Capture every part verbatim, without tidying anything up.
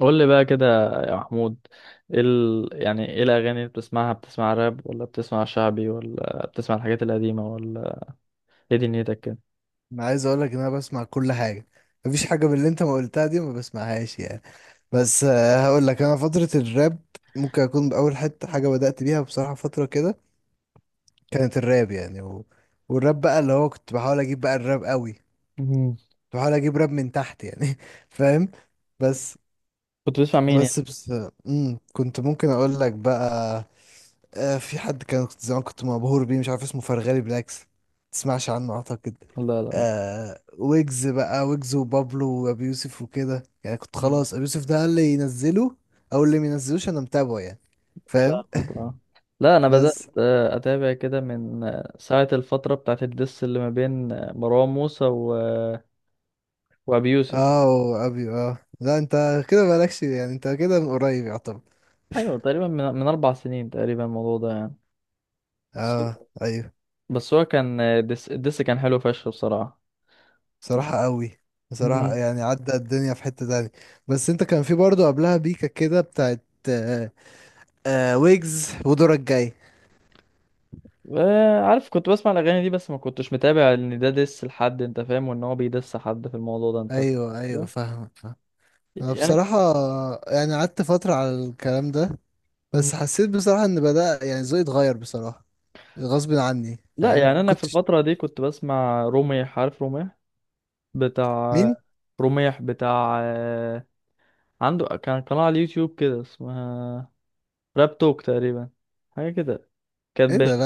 قول لي بقى كده يا محمود. إيه ال... يعني ايه الاغاني اللي بتسمعها، بتسمع راب ولا بتسمع شعبي ولا بتسمع الحاجات القديمه ولا ايه دنيتك كده؟ انا عايز اقول لك ان انا بسمع كل حاجه. مفيش حاجه من اللي انت ما قلتها دي ما بسمعهاش يعني. بس آه، هقول لك انا فتره الراب ممكن اكون باول حته حاجه بدات بيها بصراحه. فتره كده كانت الراب يعني و... والراب بقى اللي هو كنت بحاول اجيب بقى الراب قوي، كنت مم. بحاول اجيب راب من تحت يعني. فاهم؟ بس كنت بتسمع مين يعني؟ بس بس مم. كنت ممكن اقول لك بقى آه، في حد كان، كنت زمان كنت مبهور بيه مش عارف اسمه، فرغالي، بالعكس تسمعش عنه اعتقد. لا لا لا. آه، ويجز بقى، ويجز وبابلو وابي يوسف وكده يعني. كنت مم. خلاص ابي يوسف ده اللي ينزله او اللي ما ينزلوش انا متابعه يعني. فاهم؟ فاهمك اه. لا، انا بدات بس. آه، اتابع كده من آه، ساعه الفتره بتاعت الدس اللي ما بين آه، مروان موسى و... وابي يوسف. اه وابي، اه لا انت كده مالكش يعني، انت كده من قريب يعتبر. ايوه، تقريبا من... من اربع سنين تقريبا الموضوع ده يعني. بس اه ايوه. بس هو كان آه، دس... الدس كان حلو فشخ بصراحه. بصراحة قوي، بصراحة يعني عدى الدنيا في حتة تانية. بس انت كان في برضه قبلها بيكا كده بتاعت، آه آه ويجز ودورك جاي. آه، عارف، كنت بسمع الاغاني دي بس ما كنتش متابع ان ده ديس لحد انت فاهم، وان هو بيدس حد في الموضوع ده، انت ايوه ايوه فاهم؟ فاهم فاهم. انا يعني. بصراحه يعني قعدت فتره على الكلام ده. مم. بس حسيت بصراحه ان بدا يعني ذوقي اتغير بصراحه، غصب عني. لا، فاهم؟ يعني انا في كنت الفتره دي كنت بسمع روميح، عارف روميح بتاع، مين؟ روميح بتاع آه، عنده كان قناه على اليوتيوب كده اسمها راب توك تقريبا، حاجه كده، كان ايه بي... ده؟ لا.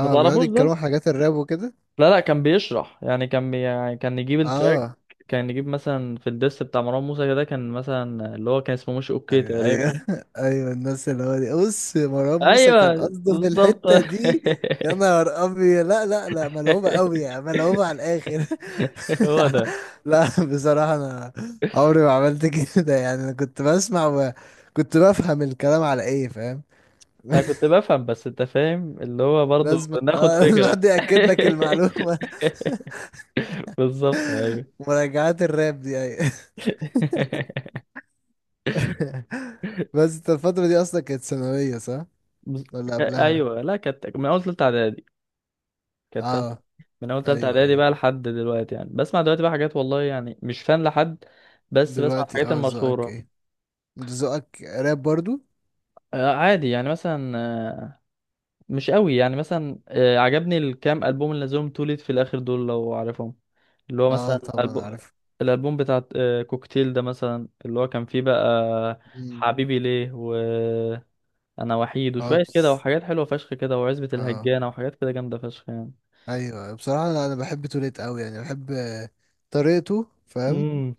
ما بيقعد تعرفوش يتكلموا عن ده؟ حاجات الراب وكده. لا لا، كان بيشرح يعني كان بي... يعني كان يجيب التراك. اه كان يجيب مثلا في الديس بتاع مروان موسى كده، كان مثلا اللي هو كان اسمه مش اوكي ايوه تقريبا. ايوه. ايوه الناس اللي هو دي. بص، مروان موسى كان ايوه قصده في بالظبط. الحته دي. يا نهار ابيض، لا لا لا ملعوبه قوي يعني، ملعوبه على الاخر. هو ده. لا بصراحه انا عمري ما عملت كده يعني. انا كنت بسمع وكنت بفهم الكلام على ايه، فاهم؟ انا كنت بفهم بس انت فاهم اللي هو برضو لازم، بناخد اه لازم فكرة. حد ياكد لك المعلومه. بالظبط ايوه. مراجعات الراب دي، ايوه. بس انت الفتره دي اصلا كانت ثانويه، صح بز- ولا قبلها؟ ايوه، لا كانت من اول تالتة اعدادي، كانت تالتة. اه من اول تالتة ايوه اعدادي ايوه. بقى لحد دلوقتي، يعني بسمع دلوقتي بقى حاجات والله يعني مش فان لحد، بس بسمع دلوقتي الحاجات اه ذوقك المشهورة. ايه؟ انت ذوقك راب برضو؟ آه، عادي يعني مثلا آه، مش قوي، يعني مثلا آه، عجبني الكام ألبوم اللي نزلهم توليت في الآخر دول لو عارفهم، اللي هو اه مثلا طبعا ألب... عارف. الألبوم بتاع آه، كوكتيل ده مثلا اللي هو كان فيه بقى مم. حبيبي ليه، وأنا وحيد، وشوية كده، هوبس وحاجات حلوة فشخ كده، وعزبة اه الهجانة، وحاجات كده جامدة فشخ يعني. ايوه. بصراحه انا، أنا بحب توليت قوي يعني، بحب آه، طريقته فاهم امم.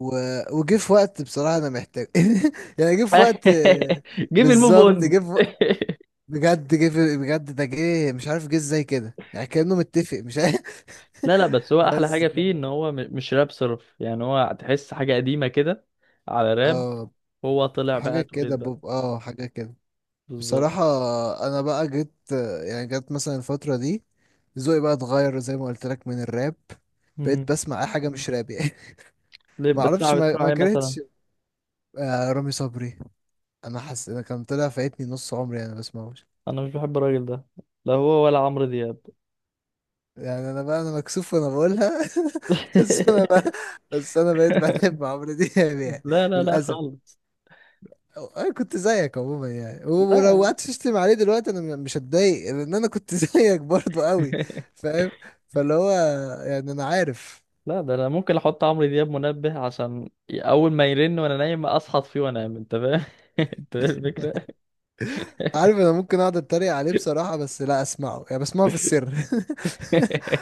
و... وجه في وقت بصراحه انا محتاج. يعني جه في وقت، آه، جيب الموف بالظبط اون. جه في وقت. بجد جه في، بجد ده جه مش عارف جه ازاي كده يعني، كانه متفق مش عارف. لا لا، بس هو أحلى بس حاجة ف- فيه إن هو م- مش راب صرف، يعني هو تحس حاجة قديمة كده على راب. اه هو طلع حاجه بقى كده توليد بقى. بوب، اه حاجه كده. بالظبط. بصراحة، أنا بقى جيت يعني، جت مثلا الفترة دي ذوقي بقى اتغير زي ما قلت لك من الراب. بقيت امم. بسمع أي حاجة مش راب يعني. ليه ما بتسمع أعرفش ما, بتسمع ما ايه مثلا؟ كرهتش. آه، رامي صبري، أنا حاسس أنا كان طلع فايتني نص عمري أنا بسمعوش أنا مش بحب الراجل ده، لا هو ولا عمرو دياب. يعني. أنا بقى أنا مكسوف وأنا بقولها. بس أنا بقى، بس أنا بقيت بحب عمرو دياب يعني، لا لا لا للأسف. خالص. انا كنت زيك عموما يعني، و- ولو لا. قعدت تشتم عليه دلوقتي انا مش هتضايق، لان انا كنت زيك برضه قوي. فاهم؟ فاللي هو يعني انا عارف، لا، ده انا ممكن احط عمرو دياب منبه عشان اول ما يرن وانا نايم اصحى فيه وانام، انت فاهم؟ انت فاهم الفكره؟ عارف. انا ممكن اقعد اتريق عليه بصراحة بس لا اسمعه يعني، بسمعه في السر.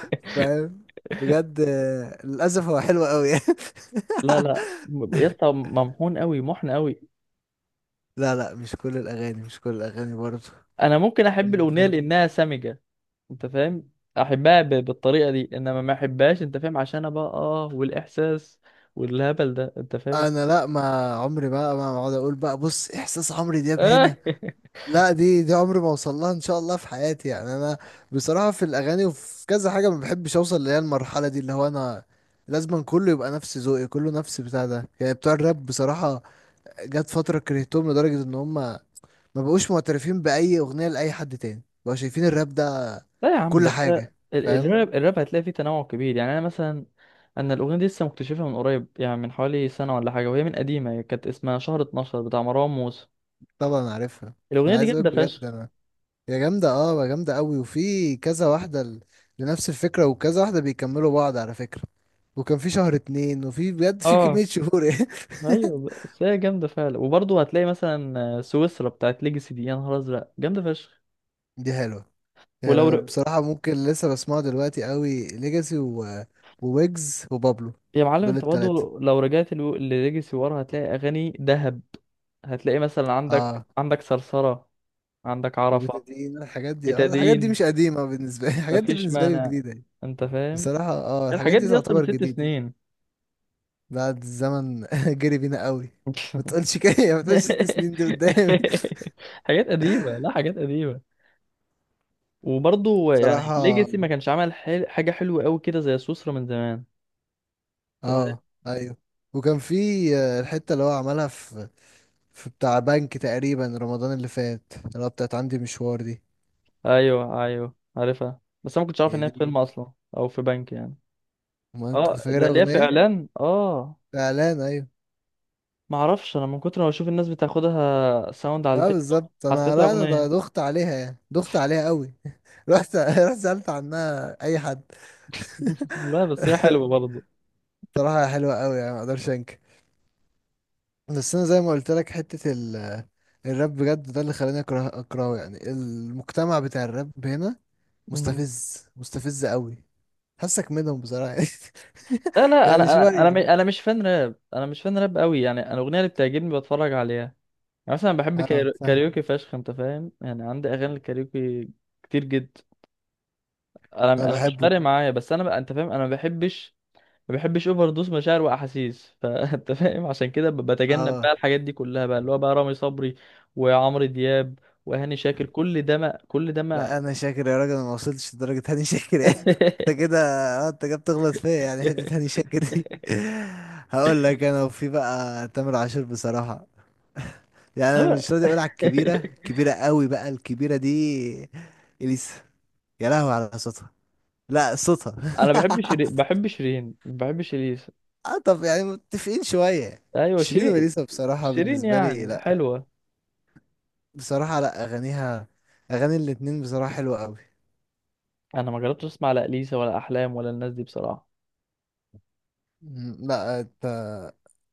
فاهم؟ بجد آه، للاسف هو حلو قوي. لا لا م- يا اسطى ممحون قوي، محن قوي. لا لا، مش كل الاغاني، مش كل الاغاني برضه انا ممكن احب يعني. الاغنيه فاهم؟ لانها سمجه، انت فاهم؟ احبها ب- بالطريقه دي انما ما احبهاش، انت فاهم، عشان انا بقى اه، والاحساس والهبل ده، انت فاهم. انا لا، ما عمري بقى ما اقعد اقول بقى بص احساس عمرو دياب هنا. لا، دي دي عمري ما اوصل لها ان شاء الله في حياتي يعني. انا بصراحه في الاغاني وفي كذا حاجه ما بحبش اوصل اللي هي المرحله دي، اللي هو انا لازم كله يبقى نفس ذوقي، كله نفس بتاع ده يعني، بتوع الراب بصراحه. جت فتره كرهتهم لدرجه ان هم ما بقوش معترفين باي اغنيه لاي حد تاني، بقوا شايفين الراب ده لا يا عم كل بس ال- حاجه. فاهم؟ الراب الراب هتلاقي فيه تنوع كبير، يعني انا مثلا، انا الاغنيه دي لسه مكتشفها من قريب يعني من حوالي سنه ولا حاجه، وهي من قديمه، هي كانت اسمها شهر اتناشر بتاع مروان موسى. طبعا عارفها. الاغنيه انا دي عايز اقولك جامده بجد، فشخ. انا هي جامدة اه، هي جامدة قوي. وفي كذا واحدة ل- لنفس الفكرة، وكذا واحدة بيكملوا بعض على فكرة. وكان في شهر اتنين، وفي بجد في اه كمية شهور. ايوه، بس هي جامده فعلا، وبرضه هتلاقي مثلا سويسرا بتاعت ليجاسي دي، يا نهار ازرق جامده فشخ. دي حلوة. يعني ولو انا ر... بصراحة ممكن لسه بسمعه دلوقتي قوي، ليجاسي و... وويجز وبابلو، يا معلم، دول انت برضه التلاتة. لو رجعت لو- لليجاسي ورا هتلاقي اغاني دهب. هتلاقي مثلا عندك اه عندك صرصره، عندك عرفه. وبتدين الحاجات دي، اه الحاجات دي بتدين، مش قديمة بالنسبة لي. الحاجات دي مفيش بالنسبة لي مانع، جديدة يعني. انت فاهم. بصراحة اه، الحاجات الحاجات دي دي اصلا من تعتبر ست جديدة. سنين بعد الزمن جري بينا قوي. ما تقولش كده، ما تقولش ست سنين دي قدامي. حاجات قديمه، لا حاجات قديمه، وبرضه يعني صراحة ليجاسي ما كانش عمل حل... حاجه حلوه قوي كده زي سوسرا من زمان. أنت فاهم؟ اه ايوه. وكان في آه، الحتة اللي هو عملها في، في بتاع بنك تقريبا رمضان اللي فات، اللي هو بتاعت عندي مشوار دي. ايوه ايوه عارفها، بس انا ما كنتش عارف ان هي هي في فيلم دي، اصلا او في بنك يعني. ما انت كنت اه ده فاكرها ليه في اغنية. اعلان، اه. اعلان ايوه. ما اعرفش، انا من كتر ما بشوف الناس بتاخدها ساوند على اه التيك توك بالظبط. انا حسيتها لا انا اغنيه. ض- دخت عليها يعني، دخت عليها قوي. رحت، رحت سألت عنها اي حد. لا بس هي حلوه برضه. بصراحة حلوة قوي يعني، ما اقدرش انكر. بس انا زي ما قلت لك حته ال الراب بجد ده اللي خلاني اكره، اكرهه يعني. المجتمع بتاع الراب هنا مم. مستفز، مستفز قوي. حاسك منهم بصراحه. يعني لا لا، انا يعني انا شويه انا م- انا مش فان راب، انا مش فان راب قوي، يعني انا الاغنيه اللي بتعجبني بتفرج عليها. يعني مثلا بحب اه كايرو- فاهم. كاريوكي فشخ، انت فاهم، يعني عندي اغاني الكاريوكي كتير جدا. انا انا انا مش بحبه فارق معايا، بس انا بقى، انت فاهم، انا ما بحبش ما بحبش اوفر دوز مشاعر واحاسيس، فانت فاهم، عشان كده ب- بتجنب اه. بقى الحاجات دي كلها بقى، اللي هو بقى رامي صبري وعمرو دياب وهاني شاكر، كل ده ما، كل ده ما. لا انا شاكر يا راجل، انا ما وصلتش لدرجه هاني شاكر يعني. انت كده، اه انت كده بتغلط فيا يعني. حته هاني شاكر دي هقول لك انا. وفي بقى تامر عاشور بصراحه يعني، انا طبعاً. مش راضي اقول على الكبيره، الكبيره قوي بقى، الكبيره دي اليسا. يا لهوي على صوتها، لا صوتها. انا بحب شيرين، بحب شيرين، بحب شيرين. اه طب يعني متفقين شوية. ايوه شيرين شيرين. وليسا بصراحة شيرين بالنسبة لي يعني لا، حلوه. بصراحة لا، أغانيها، أغاني الاتنين بصراحة حلوة أوي. انا ما جربتش اسمع لا اليسا ولا احلام ولا الناس دي بصراحه. مم، لا أنت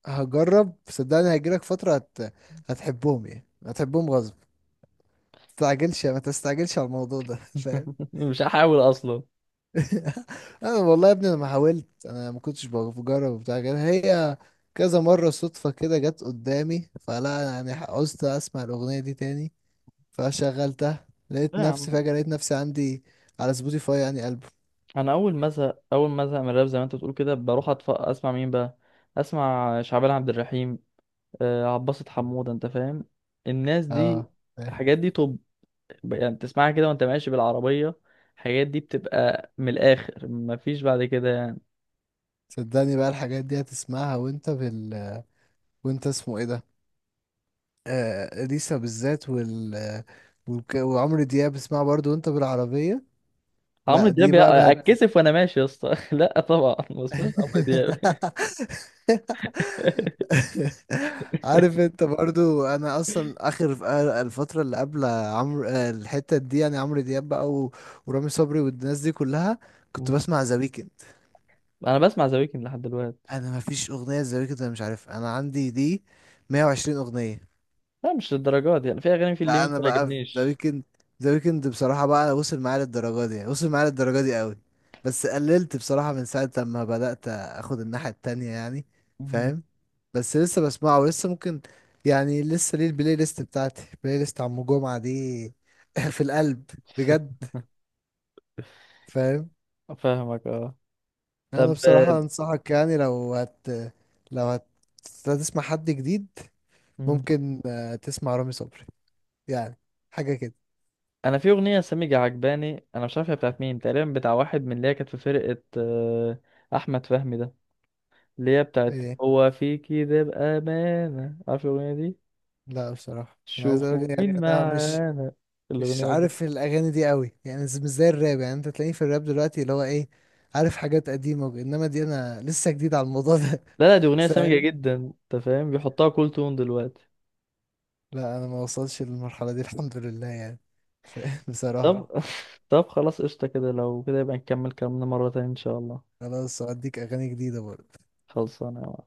هجرب صدقني، هيجيلك فترة هت... هتحبهم يعني، هتحبهم غصب. متستعجلش، ما تستعجلش على الموضوع ده. فاهم؟ مش هحاول اصلا. انا والله يا ابني انا ما حاولت، انا ما كنتش بجرب وبتاع كده. هي كذا مرة صدفة كده جت قدامي، فلا انا يعني عوزت اسمع الاغنية دي تاني فشغلتها، لا لقيت يا نفسي عم، فجأة، لقيت نفسي عندي على سبوتيفاي يعني ألبوم. انا اول ما ازهق اول ما ازهق من الراب زي ما انت بتقول كده، بروح أطف... اسمع مين بقى، اسمع شعبان عبد الرحيم، آه، عباسة حمودة، انت فاهم، الناس دي، اه إيه. الحاجات دي. طب يعني تسمعها كده وانت ماشي بالعربية، الحاجات دي بتبقى من الاخر، مفيش بعد كده يعني. صدقني بقى الحاجات دي هتسمعها وانت بال، وانت اسمه ايه ده، آه اليسا بالذات وال، وك- وعمرو دياب اسمعها برضو وانت بالعربية. عمرو لا دي دياب، بقى. يا- اتكسف وانا ماشي يا اسطى. لا طبعا ما بسمعش عمرو دياب. عارف انت برضو، انا اصلا اخر ف- الفتره اللي قبل عمرو آه، الحته دي يعني عمرو دياب بقى و- ورامي صبري والناس دي كلها، كنت مم. بسمع ذا ويكند. انا بسمع ذا ويكند لحد دلوقتي. انا ما فيش اغنيه ذا ويكند انا مش عارف، انا عندي دي مية وعشرين اغنيه. لا مش للدرجات، يعني في اغاني، في اللي ما لا انا بقى في ذا بتعجبنيش. ويكند. ذا ويكند بصراحه بقى وصل معايا للدرجه دي، وصل معايا للدرجه دي قوي. بس قللت بصراحه من ساعه لما بدات اخد الناحيه التانية يعني. مم. فاهم؟ بس لسه بسمعه ولسه ممكن يعني. لسه ليه البلاي ليست بتاعتي، البلاي ليست عم جمعه دي في القلب، بجد. فاهم؟ فاهمك اه. انا طب بصراحه آه، انصحك يعني، لو هت لو هت هتسمع حد جديد مم. ممكن آه، تسمع رامي صبري يعني، حاجه كده. انا في اغنيه سميجة عجباني، انا مش عارف هي بتاعت مين تقريبا، بتاع واحد من اللي هي كانت في فرقه آه، احمد فهمي ده، اللي هي بتاعت هو في كده بامانه، عارف الاغنيه دي؟ لا بصراحة انا عايز اقول شوفوا يعني مين انا مش، معانا، مش الاغنيه دي. عارف الاغاني دي قوي يعني، ز- مش زي الراب يعني. انت تلاقيني في الراب دلوقتي اللي هو ايه، عارف حاجات قديمة، وج- انما دي انا لسه جديد على الموضوع ده. لا لا، دي اغنيه سميجة فاهم؟ جدا انت فاهم، بيحطها كل تون دلوقتي. لا انا ما وصلش للمرحلة دي الحمد لله يعني. فاهم؟ بصراحة طب. طب خلاص قشطه كده، لو كده يبقى نكمل كلامنا مره تانية ان شاء الله. خلاص، هديك اغاني جديدة برضه. خلصانه يا معلم.